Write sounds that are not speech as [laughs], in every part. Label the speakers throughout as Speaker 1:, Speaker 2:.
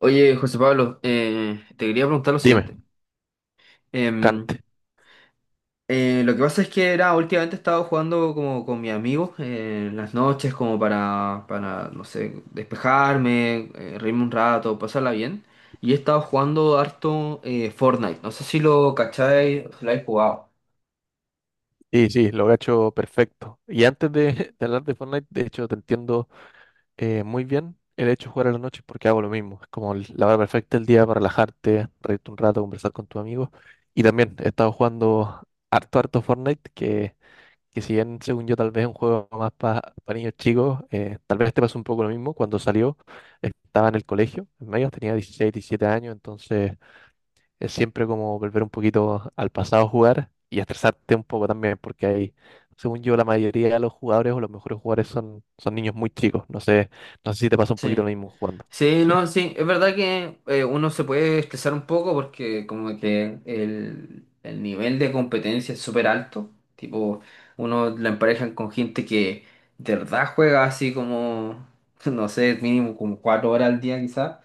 Speaker 1: Oye, José Pablo, te quería preguntar lo
Speaker 2: Dime,
Speaker 1: siguiente. Em,
Speaker 2: cante.
Speaker 1: lo que pasa es que era, últimamente he estado jugando como con mis amigos en las noches como para, no sé, despejarme, reírme un rato, pasarla bien. Y he estado jugando harto Fortnite. No sé si lo cacháis, si lo habéis jugado.
Speaker 2: Y sí, lo cacho perfecto. Y antes de, [laughs] de hablar de Fortnite, de hecho, te entiendo muy bien el hecho de jugar a la noche porque hago lo mismo. Es como la hora perfecta del día para relajarte, reírte un rato, conversar con tus amigos. Y también he estado jugando harto, harto Fortnite, que si bien, según yo, tal vez es un juego más para niños chicos, tal vez te pasó un poco lo mismo. Cuando salió, estaba en el colegio, en medio, tenía 16 17 años, entonces es siempre como volver un poquito al pasado a jugar y estresarte un poco también, porque hay, según yo, la mayoría de los jugadores o los mejores jugadores son niños muy chicos. No sé, si te pasa un poquito
Speaker 1: Sí.
Speaker 2: lo mismo jugando.
Speaker 1: Sí,
Speaker 2: Sí,
Speaker 1: no, sí, es verdad que uno se puede estresar un poco porque como que el nivel de competencia es súper alto, tipo, uno la emparejan con gente que de verdad juega así como, [laughs] no sé, mínimo como cuatro horas al día quizás.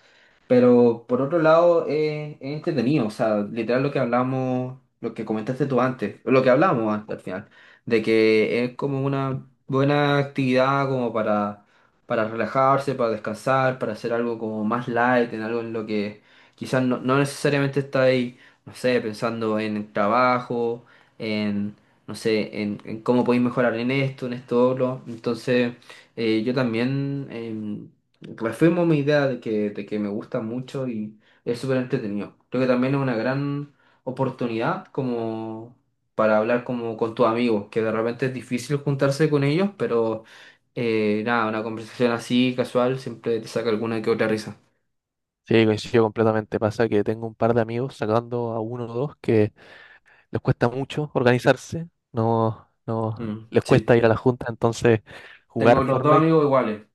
Speaker 1: Pero por otro lado, es entretenido, o sea, literal lo que hablamos, lo que comentaste tú antes, lo que hablamos antes al final, de que es como una buena actividad como para relajarse, para descansar, para hacer algo como más light, en algo en lo que quizás no, no necesariamente está ahí, no sé, pensando en el trabajo, en, no sé, en cómo podéis mejorar en esto, otro. Entonces, yo también. Reafirmo mi idea de que me gusta mucho y es súper entretenido. Creo que también es una gran oportunidad como para hablar como con tus amigos, que de repente es difícil juntarse con ellos, pero nada, una conversación así, casual, siempre te saca alguna que otra risa.
Speaker 2: sí, coincido completamente. Pasa que tengo un par de amigos, sacando a uno o dos, que les cuesta mucho organizarse, no, no,
Speaker 1: Mm,
Speaker 2: les
Speaker 1: sí,
Speaker 2: cuesta ir a la junta, entonces jugar
Speaker 1: tengo los dos
Speaker 2: Fortnite.
Speaker 1: amigos iguales,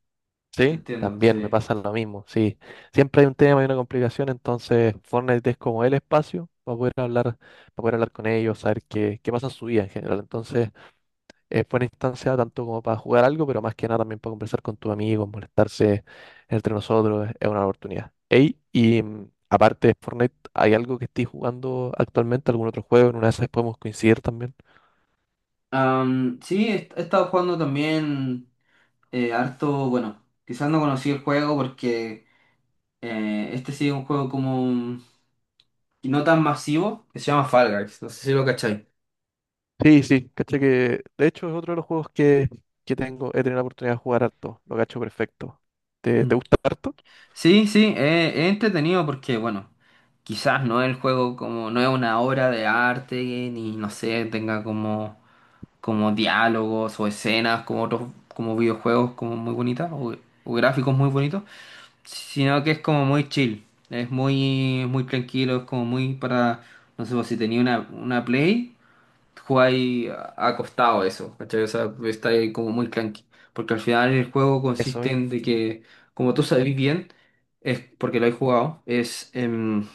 Speaker 1: te
Speaker 2: Sí,
Speaker 1: entiendo,
Speaker 2: también me
Speaker 1: sí.
Speaker 2: pasa lo mismo, sí. Siempre hay un tema y una complicación, entonces Fortnite es como el espacio para poder hablar con ellos, saber qué pasa en su vida en general. Entonces, es buena instancia tanto como para jugar algo, pero más que nada también para conversar con tus amigos, molestarse entre nosotros, es una oportunidad. Ey, y aparte de Fortnite, ¿hay algo que estés jugando actualmente, algún otro juego? En una de esas podemos coincidir también.
Speaker 1: Sí, he estado jugando también harto, bueno, quizás no conocí el juego porque este sí es un juego como... y no tan masivo que se llama Fall Guys. No sé si lo cacháis.
Speaker 2: Sí, sí, caché que de hecho es otro de los juegos que tengo, he tenido la oportunidad de jugar harto, lo cacho perfecto. ¿Te
Speaker 1: Mm.
Speaker 2: gusta harto?
Speaker 1: Sí, sí, es entretenido porque, bueno, quizás no es el juego como, no es una obra de arte, ni no sé, tenga como, como diálogos o escenas como otros, como videojuegos como muy bonitas o gráficos muy bonitos, sino que es como muy chill, es muy, muy tranquilo, es como muy para, no sé, pues, si tenía una Play. Jugáis acostado a eso, ¿cachai? O sea, estáis como muy clanky. Porque al final el juego
Speaker 2: Eso
Speaker 1: consiste
Speaker 2: mismo,
Speaker 1: en de que, como tú sabes bien, es porque lo he jugado, es,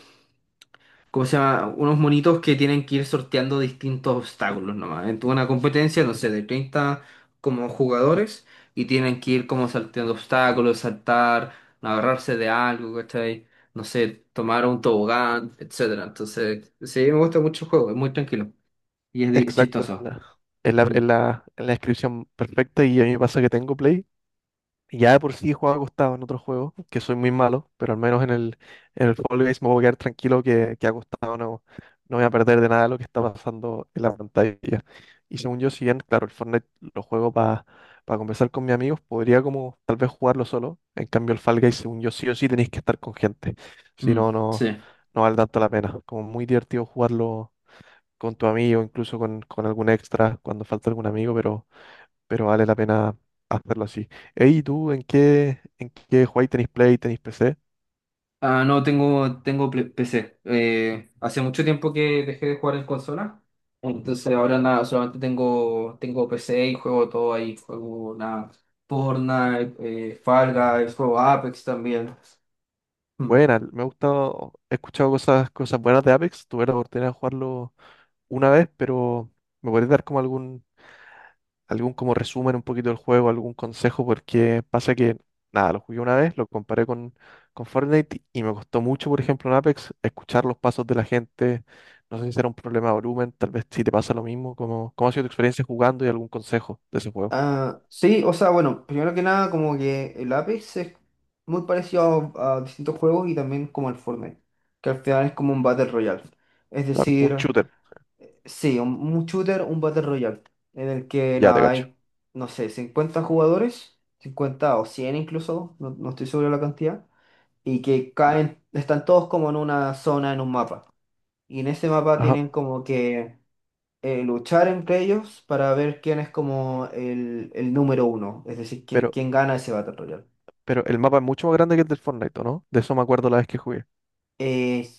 Speaker 1: ¿cómo se llama? Unos monitos que tienen que ir sorteando distintos obstáculos nomás. En una competencia, no sé, de 30 como jugadores y tienen que ir como salteando obstáculos, saltar, no agarrarse de algo, ¿cachai? No sé, tomar un tobogán, etcétera. Entonces, sí, me gusta mucho el juego, es muy tranquilo y es
Speaker 2: exacto, esa es
Speaker 1: chistoso.
Speaker 2: la, es la,
Speaker 1: Mm.
Speaker 2: es la, es la descripción perfecta y a mí me pasa que tengo Play. Ya de por sí he jugado acostado en otros juegos, que soy muy malo, pero al menos en el Fall Guys me voy a quedar tranquilo que acostado no voy a perder de nada lo que está pasando en la pantalla. Y según yo, si bien, claro, el Fortnite lo juego para conversar con mis amigos, podría como tal vez jugarlo solo. En cambio, el Fall Guys, según yo, sí o sí tenéis que estar con gente. Si no,
Speaker 1: Mm, sí.
Speaker 2: no vale tanto la pena. Como muy divertido jugarlo con tu amigo, incluso con algún extra, cuando falta algún amigo, pero vale la pena hacerlo así. Ey, ¿y ¿tú en qué jugáis? ¿Tenéis Play, tenéis PC?
Speaker 1: Ah, no, tengo, PC. Hace mucho tiempo que dejé de jugar en consola. Entonces ahora nada, solamente tengo, tengo PC y juego todo ahí. Juego nada, Fortnite, Fall Guys, juego Apex también. Mm.
Speaker 2: Buena, me ha gustado, he escuchado cosas buenas de Apex, tuve la oportunidad de jugarlo una vez, pero me podrías dar como algún como resumen un poquito del juego, algún consejo, porque pasa que, nada, lo jugué una vez, lo comparé con Fortnite y me costó mucho, por ejemplo, en Apex, escuchar los pasos de la gente, no sé si era un problema de volumen, tal vez si te pasa lo mismo, como, ¿cómo ha sido tu experiencia jugando y algún consejo de ese juego?
Speaker 1: Ah, sí, o sea, bueno, primero que nada, como que el Apex es muy parecido a distintos juegos y también como el Fortnite, que al final es como un Battle Royale. Es
Speaker 2: Claro, un
Speaker 1: decir.
Speaker 2: shooter.
Speaker 1: Sí, un shooter, un Battle Royale, en el que
Speaker 2: Ya te
Speaker 1: nada,
Speaker 2: cacho.
Speaker 1: hay, no sé, 50 jugadores, 50 o 100 incluso, no, no estoy seguro de la cantidad, y que caen, están todos como en una zona, en un mapa. Y en ese mapa
Speaker 2: Ajá.
Speaker 1: tienen como que luchar entre ellos para ver quién es como el número uno, es decir, quién,
Speaker 2: Pero,
Speaker 1: quién gana ese Battle Royale.
Speaker 2: pero el mapa es mucho más grande que el del Fortnite, ¿o no? De eso me acuerdo la vez que jugué.
Speaker 1: Eh,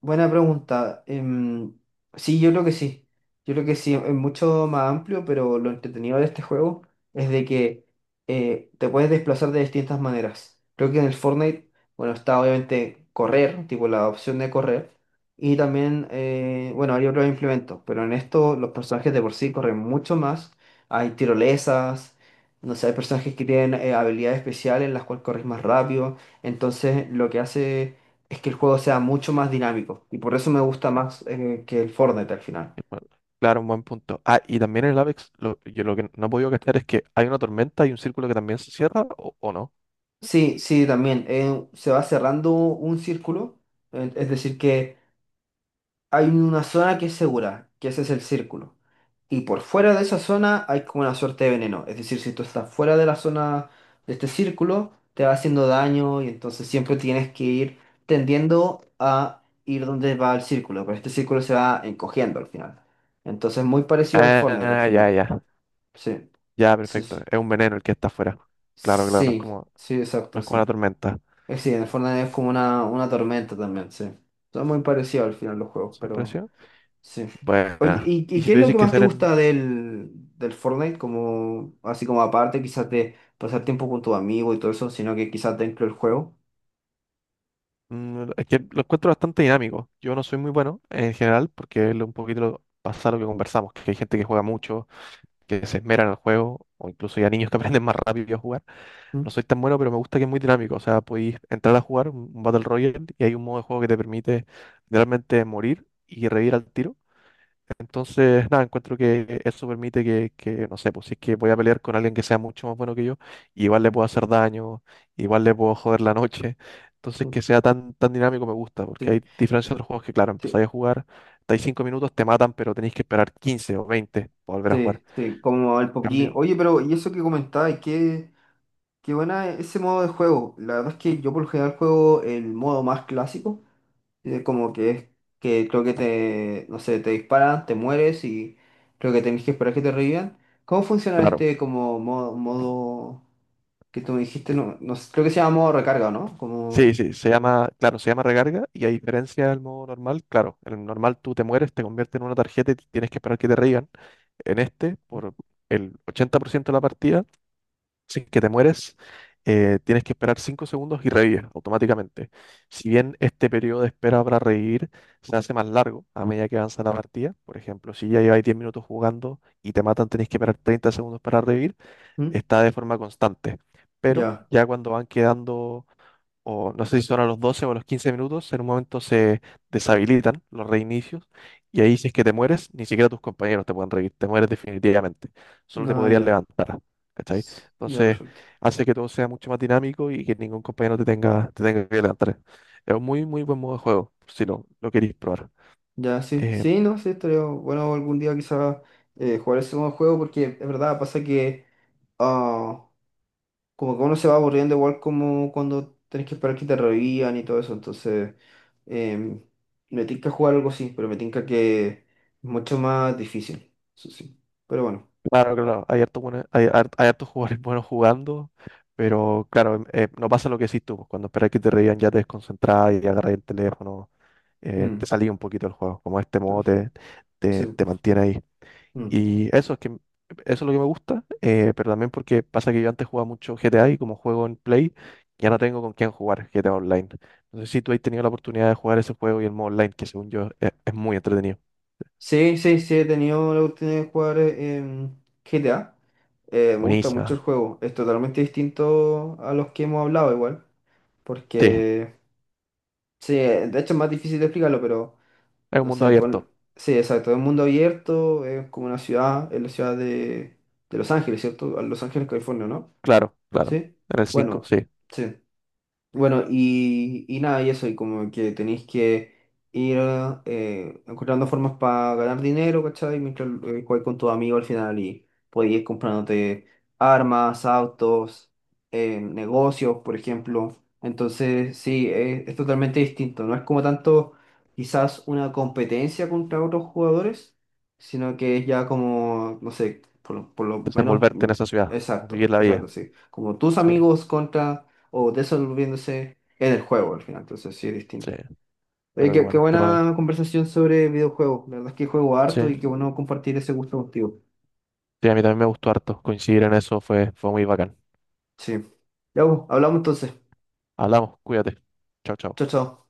Speaker 1: Buena pregunta. Sí, yo creo que sí. Yo creo que sí, es mucho más amplio, pero lo entretenido de este juego es de que te puedes desplazar de distintas maneras. Creo que en el Fortnite, bueno, está obviamente correr, tipo la opción de correr, y también, bueno, hay otros implementos, pero en esto los personajes de por sí corren mucho más. Hay tirolesas, no sé, hay personajes que tienen habilidades especiales en las cuales corres más rápido. Entonces, lo que hace es que el juego sea mucho más dinámico y por eso me gusta más que el Fortnite al final.
Speaker 2: Bueno, claro, un buen punto. Ah, y también en el Apex, yo lo que no he podido cachar es que hay una tormenta y un círculo que también se cierra, ¿o no?
Speaker 1: Sí, sí, también se va cerrando un círculo, es decir, que hay una zona que es segura, que ese es el círculo. Y por fuera de esa zona hay como una suerte de veneno, es decir, si tú estás fuera de la zona de este círculo, te va haciendo daño y entonces siempre tienes que ir tendiendo a ir donde va el círculo, pero este círculo se va encogiendo al final. Entonces, muy parecido al Fortnite al
Speaker 2: Ah, ya,
Speaker 1: final.
Speaker 2: ya.
Speaker 1: Sí.
Speaker 2: Ya,
Speaker 1: Sí,
Speaker 2: perfecto.
Speaker 1: sí.
Speaker 2: Es un veneno el que está afuera. Claro, claro, no es
Speaker 1: Sí,
Speaker 2: como,
Speaker 1: sí,
Speaker 2: no
Speaker 1: exacto,
Speaker 2: es como la
Speaker 1: sí.
Speaker 2: tormenta.
Speaker 1: Sí, en el Fortnite es como una tormenta también, sí. Son muy parecidos al final los juegos,
Speaker 2: ¿Se
Speaker 1: pero
Speaker 2: presión?
Speaker 1: sí. Oye,
Speaker 2: Bueno. Y
Speaker 1: y
Speaker 2: si
Speaker 1: qué
Speaker 2: tú
Speaker 1: es lo
Speaker 2: dices
Speaker 1: que
Speaker 2: que
Speaker 1: más te
Speaker 2: ser en.
Speaker 1: gusta del, del Fortnite? Como, así como aparte quizás de pasar tiempo con tu amigo y todo eso, sino que quizás dentro del juego.
Speaker 2: Es que lo encuentro bastante dinámico. Yo no soy muy bueno en general, porque es un poquito lo, pasa lo que conversamos, que hay gente que juega mucho, que se esmera en el juego, o incluso ya niños que [laughs] aprenden más rápido a jugar. No
Speaker 1: ¿Mm?
Speaker 2: soy tan bueno, pero me gusta que es muy dinámico. O sea, podéis entrar a jugar un Battle Royale y hay un modo de juego que te permite realmente morir y revivir al tiro. Entonces, nada, encuentro que eso permite que, no sé, pues si es que voy a pelear con alguien que sea mucho más bueno que yo, igual le puedo hacer daño, igual le puedo joder la noche. Entonces,
Speaker 1: Sí,
Speaker 2: que sea tan, tan dinámico me gusta, porque
Speaker 1: sí,
Speaker 2: hay diferencia de otros juegos que, claro,
Speaker 1: sí,
Speaker 2: empezáis a jugar, estáis 5 minutos, te matan, pero tenéis que esperar 15 o 20 para volver a jugar.
Speaker 1: sí, sí, como el PUBG.
Speaker 2: Cambio,
Speaker 1: Oye, pero y eso que comentabas, qué, qué buena ese modo de juego. La verdad es que yo por lo general juego el modo más clásico. Como que es que creo que te, no sé, te disparan, te mueres y creo que tenés que esperar que te revivan. ¿Cómo funciona
Speaker 2: claro.
Speaker 1: este como modo, modo que tú me dijiste? No, no sé, creo que se llama modo recarga, ¿no?
Speaker 2: Sí,
Speaker 1: Como...
Speaker 2: sí, se llama, claro, se llama recarga y a diferencia del modo normal, claro, en el normal tú te mueres, te conviertes en una tarjeta y tienes que esperar que te reían. En este, por el 80% de la partida, sin que te mueres, tienes que esperar 5 segundos y revives automáticamente. Si bien este periodo de espera para revivir se hace más largo a medida que avanza la partida, por ejemplo, si ya lleváis 10 minutos jugando y te matan, tenéis que esperar 30 segundos para revivir,
Speaker 1: ¿Mm?
Speaker 2: está de forma constante. Pero
Speaker 1: Ya,
Speaker 2: ya cuando van quedando o no sé si son a los 12 o a los 15 minutos, en un momento se deshabilitan los reinicios y ahí si es que te mueres, ni siquiera tus compañeros te pueden revivir, te mueres definitivamente, solo te
Speaker 1: no,
Speaker 2: podrías
Speaker 1: ya.
Speaker 2: levantar, ¿cachai?
Speaker 1: S- Ya,
Speaker 2: Entonces
Speaker 1: perfecto.
Speaker 2: hace que todo sea mucho más dinámico y que ningún compañero te tenga, que levantar. Es un muy, muy buen modo de juego, si lo queréis probar.
Speaker 1: Ya, sí,
Speaker 2: Eh,
Speaker 1: sí, no, sí, estaría bueno algún día quizás jugar ese modo de juego porque es verdad, pasa que... ah, como que uno se va aburriendo igual como cuando tenés que esperar que te revivan y todo eso. Entonces, em, me tinca jugar algo así, pero me tinca que es mucho más difícil. Eso sí. Pero bueno.
Speaker 2: Claro, claro, hay hartos buenos- hay har- hay hartos jugadores [laughs] buenos jugando, pero claro, no pasa lo que decís tú, pues, cuando esperas que te reían ya te desconcentrás y agarras el teléfono, te
Speaker 1: Mm,
Speaker 2: salís un poquito del juego, como este modo
Speaker 1: perfecto.
Speaker 2: te, te,
Speaker 1: Sí,
Speaker 2: te mantiene ahí.
Speaker 1: mm.
Speaker 2: Y eso es que, m- eso es lo que me gusta, pero también porque pasa que yo antes jugaba mucho GTA y como juego en Play, ya no tengo con quién jugar GTA Online. No sé si tú has tenido la oportunidad de jugar ese juego y el modo online, que según yo es muy entretenido.
Speaker 1: Sí, sí, sí, he tenido la oportunidad de jugar GTA. Me gusta mucho
Speaker 2: Buenísima.
Speaker 1: el juego. Es totalmente distinto a los que hemos hablado igual.
Speaker 2: Sí,
Speaker 1: Porque, sí, de hecho es más difícil de explicarlo, pero...
Speaker 2: es un
Speaker 1: No
Speaker 2: mundo
Speaker 1: sé,
Speaker 2: abierto.
Speaker 1: pon... Sí, exacto, es un mundo abierto, es como una ciudad, es la ciudad de Los Ángeles, ¿cierto? Los Ángeles, California, ¿no?
Speaker 2: Claro, claro.
Speaker 1: Sí.
Speaker 2: En el 5,
Speaker 1: Bueno,
Speaker 2: sí.
Speaker 1: sí. Bueno, y nada, y eso, y como que tenéis que ir encontrando formas para ganar dinero, ¿cachai? Mientras jugáis con tus amigos al final y podéis ir comprándote armas, autos, negocios, por ejemplo. Entonces, sí, es totalmente distinto. No es como tanto quizás una competencia contra otros jugadores, sino que es ya como, no sé, por lo menos,
Speaker 2: Desenvolverte
Speaker 1: mm,
Speaker 2: en esa ciudad, o
Speaker 1: exacto,
Speaker 2: vivir la vida.
Speaker 1: exacto, sí. Como tus
Speaker 2: Sí,
Speaker 1: amigos contra o desolviéndose en el juego al final, entonces sí es
Speaker 2: sí.
Speaker 1: distinto. Oye,
Speaker 2: Pero qué
Speaker 1: qué, qué
Speaker 2: bueno, qué
Speaker 1: buena
Speaker 2: bueno.
Speaker 1: conversación sobre videojuegos, la verdad es que juego harto
Speaker 2: Sí,
Speaker 1: y qué bueno compartir ese gusto contigo.
Speaker 2: sí, a mí también me gustó harto. Coincidir en eso fue muy bacán.
Speaker 1: Sí. Ya, pues, hablamos entonces.
Speaker 2: Hablamos, cuídate. Chao, chao.
Speaker 1: Chao, chao.